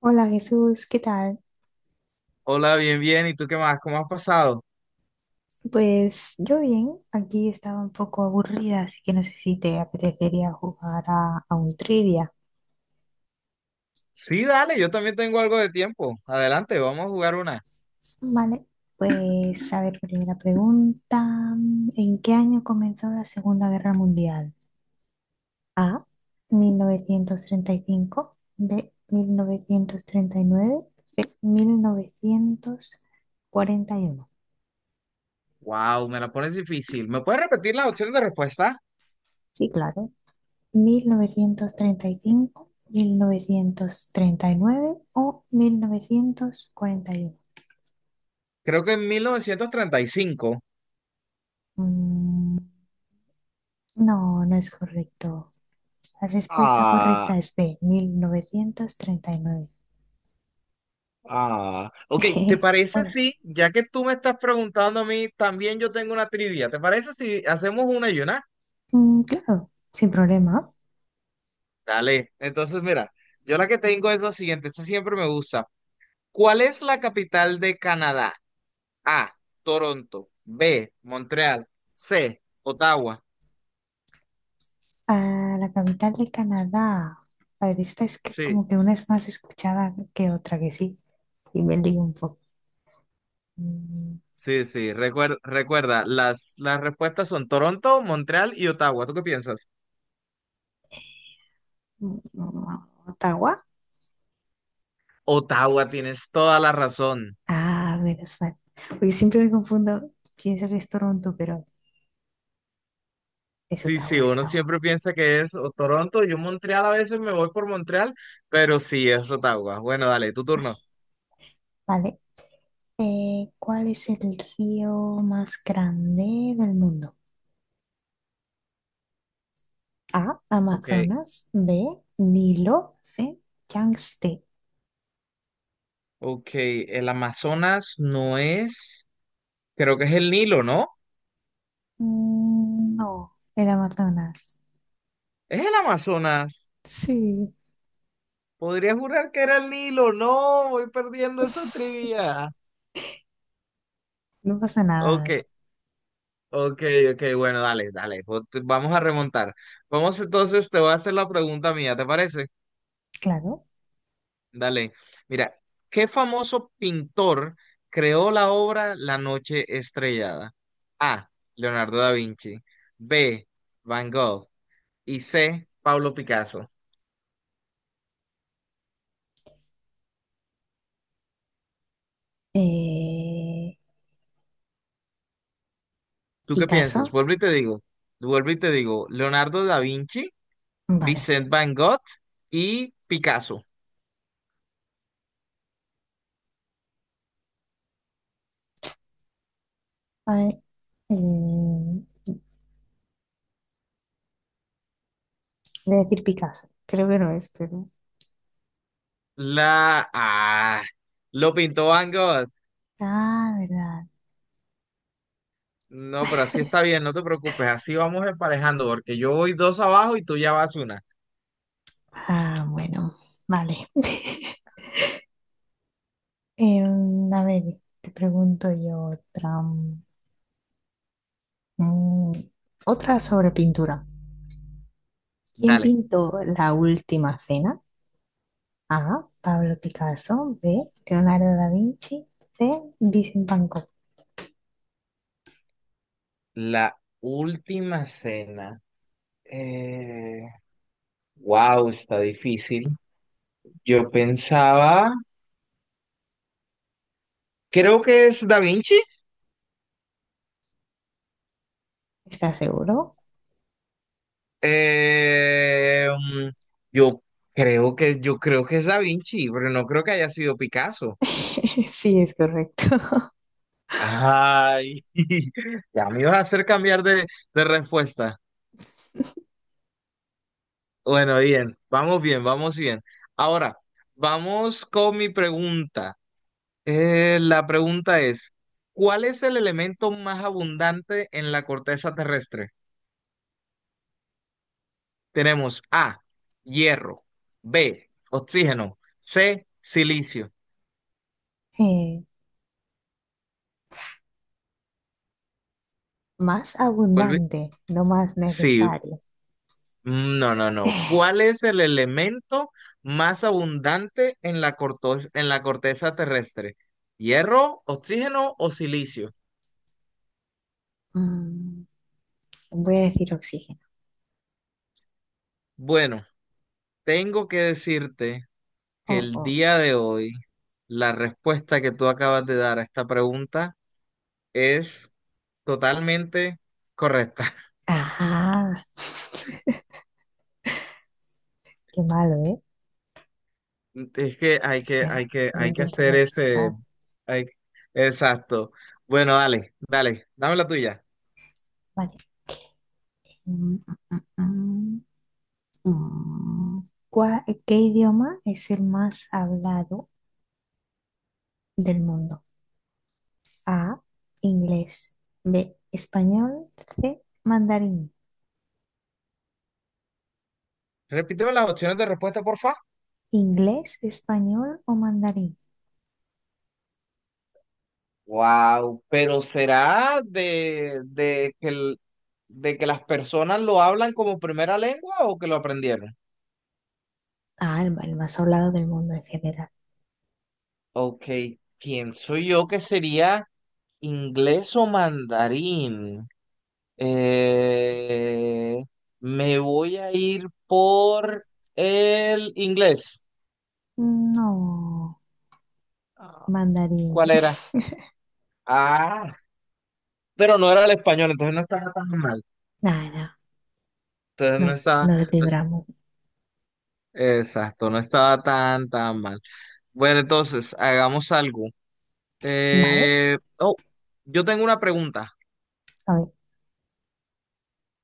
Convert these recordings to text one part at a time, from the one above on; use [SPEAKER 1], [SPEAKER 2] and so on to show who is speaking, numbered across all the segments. [SPEAKER 1] Hola Jesús, ¿qué tal?
[SPEAKER 2] Hola, bien, bien. ¿Y tú qué más? ¿Cómo has pasado?
[SPEAKER 1] Pues yo bien, aquí estaba un poco aburrida, así que no sé si te apetecería jugar a un trivia.
[SPEAKER 2] Sí, dale, yo también tengo algo de tiempo. Adelante, vamos a jugar una.
[SPEAKER 1] Vale, pues a ver, primera pregunta. ¿En qué año comenzó la Segunda Guerra Mundial? A, 1935, B, mil novecientos treinta y nueve, mil novecientos cuarenta y uno.
[SPEAKER 2] Wow, me la pones difícil. ¿Me puedes repetir las opciones de respuesta?
[SPEAKER 1] Sí, claro, 1935, 1939 o 1941.
[SPEAKER 2] Creo que en 1935.
[SPEAKER 1] Mm, no es correcto. La respuesta
[SPEAKER 2] Ah,
[SPEAKER 1] correcta es B, 1939.
[SPEAKER 2] ah, Ok, ¿te parece
[SPEAKER 1] Bueno,
[SPEAKER 2] si, ya que tú me estás preguntando a mí, también yo tengo una trivia? ¿Te parece si hacemos una y una?
[SPEAKER 1] claro, sin problema.
[SPEAKER 2] Dale. Entonces, mira, yo la que tengo es la siguiente. Esta siempre me gusta. ¿Cuál es la capital de Canadá? A, Toronto, B, Montreal, C, Ottawa.
[SPEAKER 1] Ah, la capital de Canadá. A ver, esta es que
[SPEAKER 2] Sí,
[SPEAKER 1] como que una es más escuchada que otra, que sí. Y me lío un poco. Mm,
[SPEAKER 2] sí, sí. Recuerda, las respuestas son Toronto, Montreal y Ottawa. ¿Tú qué piensas?
[SPEAKER 1] Ottawa.
[SPEAKER 2] Ottawa, tienes toda la razón.
[SPEAKER 1] Ah, menos mal. Porque siempre me confundo, pienso que es Toronto, pero es
[SPEAKER 2] Sí, sí,
[SPEAKER 1] Ottawa, es
[SPEAKER 2] uno
[SPEAKER 1] Ottawa.
[SPEAKER 2] siempre piensa que es o Toronto. Yo Montreal a veces me voy por Montreal, pero sí es Ottawa. Bueno, dale, tu turno.
[SPEAKER 1] Vale. ¿Cuál es el río más grande del mundo? A,
[SPEAKER 2] Ok,
[SPEAKER 1] Amazonas, B, Nilo, C, Yangtze.
[SPEAKER 2] ok. El Amazonas no es, creo que es el Nilo, ¿no?
[SPEAKER 1] No, el Amazonas.
[SPEAKER 2] Es el Amazonas.
[SPEAKER 1] Sí.
[SPEAKER 2] Podría jurar que era el Nilo. No, voy perdiendo esa trivia.
[SPEAKER 1] No pasa
[SPEAKER 2] Ok,
[SPEAKER 1] nada,
[SPEAKER 2] ok, ok. Bueno, dale, dale. Vamos a remontar. Vamos entonces, te voy a hacer la pregunta mía, ¿te parece?
[SPEAKER 1] claro.
[SPEAKER 2] Dale. Mira, ¿qué famoso pintor creó la obra La Noche Estrellada? A. Leonardo da Vinci. B. Van Gogh. Y C. Pablo Picasso.
[SPEAKER 1] Eh,
[SPEAKER 2] ¿Tú qué piensas?
[SPEAKER 1] Picasso,
[SPEAKER 2] Vuelvo y te digo. Vuelvo y te digo. Leonardo da Vinci.
[SPEAKER 1] vale.
[SPEAKER 2] Vincent Van Gogh y Picasso.
[SPEAKER 1] A ver, eh, voy a decir Picasso, creo que no es, pero
[SPEAKER 2] La ah, lo pintó Van Gogh.
[SPEAKER 1] ah, verdad.
[SPEAKER 2] No, pero así está bien, no te preocupes, así vamos emparejando, porque yo voy dos abajo y tú ya vas una.
[SPEAKER 1] Ah, bueno, vale. A ver, te pregunto yo otra. mm, Otra sobre pintura. ¿Quién
[SPEAKER 2] Dale.
[SPEAKER 1] pintó La Última Cena? A. Pablo Picasso. B. Leonardo da Vinci. C. Vincent Van Gogh.
[SPEAKER 2] La última cena. Eh, wow, está difícil. Yo pensaba, creo que es Da Vinci.
[SPEAKER 1] ¿Estás seguro?
[SPEAKER 2] Eh, mm, yo yo creo que es Da Vinci, pero no creo que haya sido Picasso.
[SPEAKER 1] Sí, es correcto.
[SPEAKER 2] Ay, ya me ibas a hacer cambiar de respuesta. Bueno, bien, vamos bien, vamos bien. Ahora, vamos con mi pregunta. La pregunta es, ¿cuál es el elemento más abundante en la corteza terrestre? Tenemos A, hierro, B, oxígeno, C, silicio.
[SPEAKER 1] Eh, más
[SPEAKER 2] Vuelve-
[SPEAKER 1] abundante, no más
[SPEAKER 2] Sí,
[SPEAKER 1] necesario.
[SPEAKER 2] Mm, No, no, no. ¿Cuál es el elemento más abundante en la en la corteza terrestre? ¿Hierro, oxígeno o silicio?
[SPEAKER 1] Mm, voy a decir oxígeno.
[SPEAKER 2] Bueno, tengo que decirte que
[SPEAKER 1] Oh,
[SPEAKER 2] el
[SPEAKER 1] oh.
[SPEAKER 2] día de hoy la respuesta que tú acabas de dar a esta pregunta es totalmente correcta.
[SPEAKER 1] Ajá. Qué malo, ¿eh?
[SPEAKER 2] Es que hay que,
[SPEAKER 1] Me,
[SPEAKER 2] hay que,
[SPEAKER 1] me
[SPEAKER 2] hay que
[SPEAKER 1] intentas
[SPEAKER 2] hacer ese...
[SPEAKER 1] asustar.
[SPEAKER 2] hay- Exacto. Bueno, dale, dale, dame la tuya.
[SPEAKER 1] Vale. Mm, mm, mm, mm. ¿Qué idioma es el más hablado del mundo? A, inglés. B, español. C, mandarín.
[SPEAKER 2] Repíteme las opciones de respuesta, porfa.
[SPEAKER 1] ¿Inglés, español o mandarín?
[SPEAKER 2] Wow, pero será de que de que las personas lo hablan como primera lengua o que lo aprendieron.
[SPEAKER 1] Ah, el más hablado del mundo en general.
[SPEAKER 2] Ok, pienso yo que sería inglés o mandarín. Eh, Me voy a ir por el inglés.
[SPEAKER 1] No,
[SPEAKER 2] Ah, ¿Cuál
[SPEAKER 1] mandarín.
[SPEAKER 2] era? Ah, pero no era el español, entonces no estaba tan mal.
[SPEAKER 1] Nada,
[SPEAKER 2] Entonces no
[SPEAKER 1] nos,
[SPEAKER 2] estaba,
[SPEAKER 1] nos
[SPEAKER 2] no es-
[SPEAKER 1] libramos.
[SPEAKER 2] exacto, no estaba tan mal. Bueno, entonces, hagamos algo.
[SPEAKER 1] ¿Vale?
[SPEAKER 2] Eh, oh, yo tengo una pregunta.
[SPEAKER 1] A ver,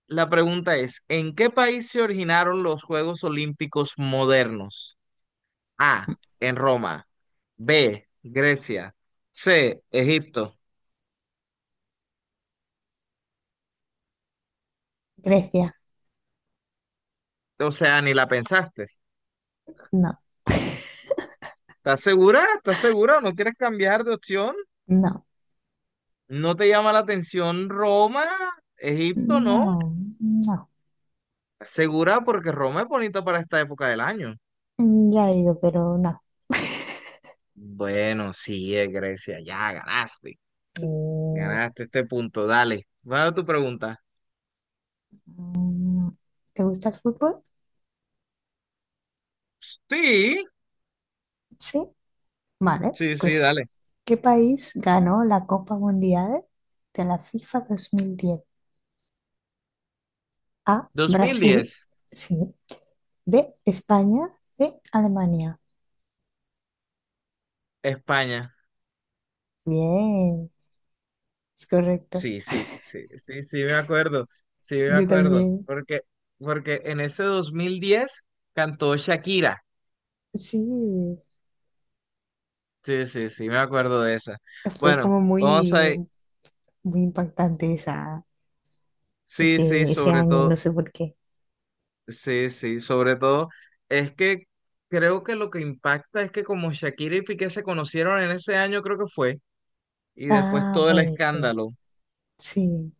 [SPEAKER 2] La pregunta es, ¿en qué país se originaron los Juegos Olímpicos modernos? A, en Roma. B, Grecia. C, Egipto.
[SPEAKER 1] Grecia.
[SPEAKER 2] O sea, ni la pensaste.
[SPEAKER 1] No.
[SPEAKER 2] ¿Estás segura? ¿Estás segura? ¿No quieres cambiar de opción?
[SPEAKER 1] No,
[SPEAKER 2] ¿No te llama la atención Roma? Egipto, no.
[SPEAKER 1] no, no.
[SPEAKER 2] ¿Estás segura? Porque Roma es bonita para esta época del año.
[SPEAKER 1] Ya he ido, pero no.
[SPEAKER 2] Bueno, sí, es Grecia. Ya ganaste.
[SPEAKER 1] Eh,
[SPEAKER 2] Ganaste este punto, dale. ¿Va a tu pregunta?
[SPEAKER 1] No. ¿Te gusta el fútbol?
[SPEAKER 2] Sí,
[SPEAKER 1] Sí. Vale,
[SPEAKER 2] sí, sí,
[SPEAKER 1] pues,
[SPEAKER 2] dale.
[SPEAKER 1] ¿qué país ganó la Copa Mundial de la FIFA 2010? A,
[SPEAKER 2] dos mil
[SPEAKER 1] Brasil,
[SPEAKER 2] diez
[SPEAKER 1] sí. B, España, C, Alemania.
[SPEAKER 2] España.
[SPEAKER 1] Bien, es correcto.
[SPEAKER 2] Sí, sí, sí, sí, sí, me acuerdo. Sí, me
[SPEAKER 1] Yo
[SPEAKER 2] acuerdo.
[SPEAKER 1] también.
[SPEAKER 2] Porque en ese 2010 cantó Shakira.
[SPEAKER 1] Sí,
[SPEAKER 2] Sí, sí, sí, me acuerdo de esa.
[SPEAKER 1] fue
[SPEAKER 2] Bueno,
[SPEAKER 1] como
[SPEAKER 2] vamos a...
[SPEAKER 1] muy, muy impactante esa,
[SPEAKER 2] Sí, sí,
[SPEAKER 1] ese, ese
[SPEAKER 2] sobre
[SPEAKER 1] año, no
[SPEAKER 2] todo,
[SPEAKER 1] sé por qué.
[SPEAKER 2] sí, sí, sobre todo, es que creo que lo que impacta es que como Shakira y Piqué se conocieron en ese año, creo que fue, y después
[SPEAKER 1] Ah,
[SPEAKER 2] todo el
[SPEAKER 1] pues sí.
[SPEAKER 2] escándalo.
[SPEAKER 1] Sí,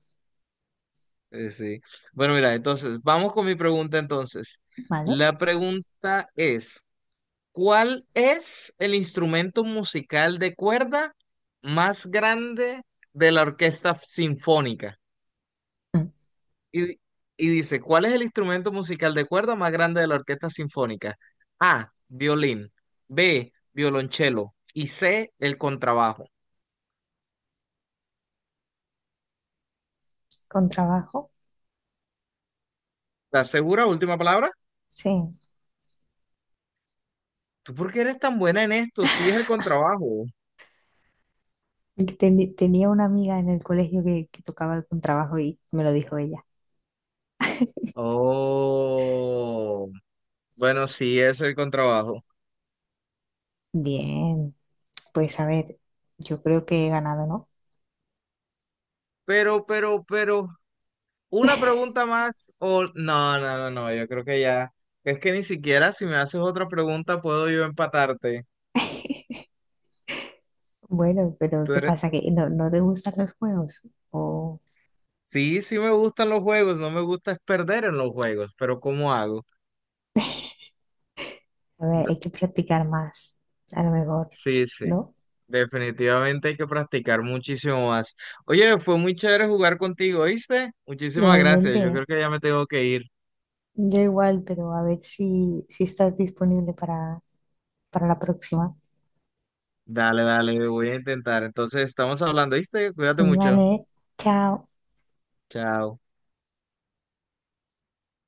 [SPEAKER 2] Sí. Bueno, mira, entonces, vamos con mi pregunta entonces.
[SPEAKER 1] vale.
[SPEAKER 2] La pregunta es, ¿cuál es el instrumento musical de cuerda más grande de la orquesta sinfónica?
[SPEAKER 1] Mm.
[SPEAKER 2] Y, di- y dice, ¿cuál es el instrumento musical de cuerda más grande de la orquesta sinfónica? A, violín, B, violonchelo y C, el contrabajo.
[SPEAKER 1] Con trabajo,
[SPEAKER 2] ¿Estás segura? Última palabra.
[SPEAKER 1] sí.
[SPEAKER 2] ¿Tú por qué eres tan buena en esto? Sí, es el contrabajo.
[SPEAKER 1] Tenía una amiga en el colegio que tocaba el contrabajo y me lo dijo ella.
[SPEAKER 2] Oh. Bueno, sí, es el contrabajo.
[SPEAKER 1] Bien, pues a ver, yo creo que he ganado, ¿no?
[SPEAKER 2] Pero, una pregunta más o no, no, no, no, yo creo que ya. Es que ni siquiera si me haces otra pregunta puedo yo empatarte.
[SPEAKER 1] Bueno, pero
[SPEAKER 2] Tú
[SPEAKER 1] ¿qué
[SPEAKER 2] eres-
[SPEAKER 1] pasa? ¿Que no te gustan los juegos? O
[SPEAKER 2] Sí, sí me gustan los juegos, no me gusta es perder en los juegos, pero ¿cómo hago?
[SPEAKER 1] a ver,
[SPEAKER 2] De-
[SPEAKER 1] hay que practicar más, a lo mejor,
[SPEAKER 2] Sí, sí,
[SPEAKER 1] ¿no?
[SPEAKER 2] definitivamente hay que practicar muchísimo más. Oye, fue muy chévere jugar contigo, ¿viste? Muchísimas gracias, yo
[SPEAKER 1] Igualmente,
[SPEAKER 2] creo que ya me tengo que ir.
[SPEAKER 1] yo igual, pero a ver si estás disponible para la próxima.
[SPEAKER 2] Dale, dale, voy a intentar. Entonces, estamos hablando, ¿viste? Cuídate mucho.
[SPEAKER 1] Vale, chao.
[SPEAKER 2] Chao.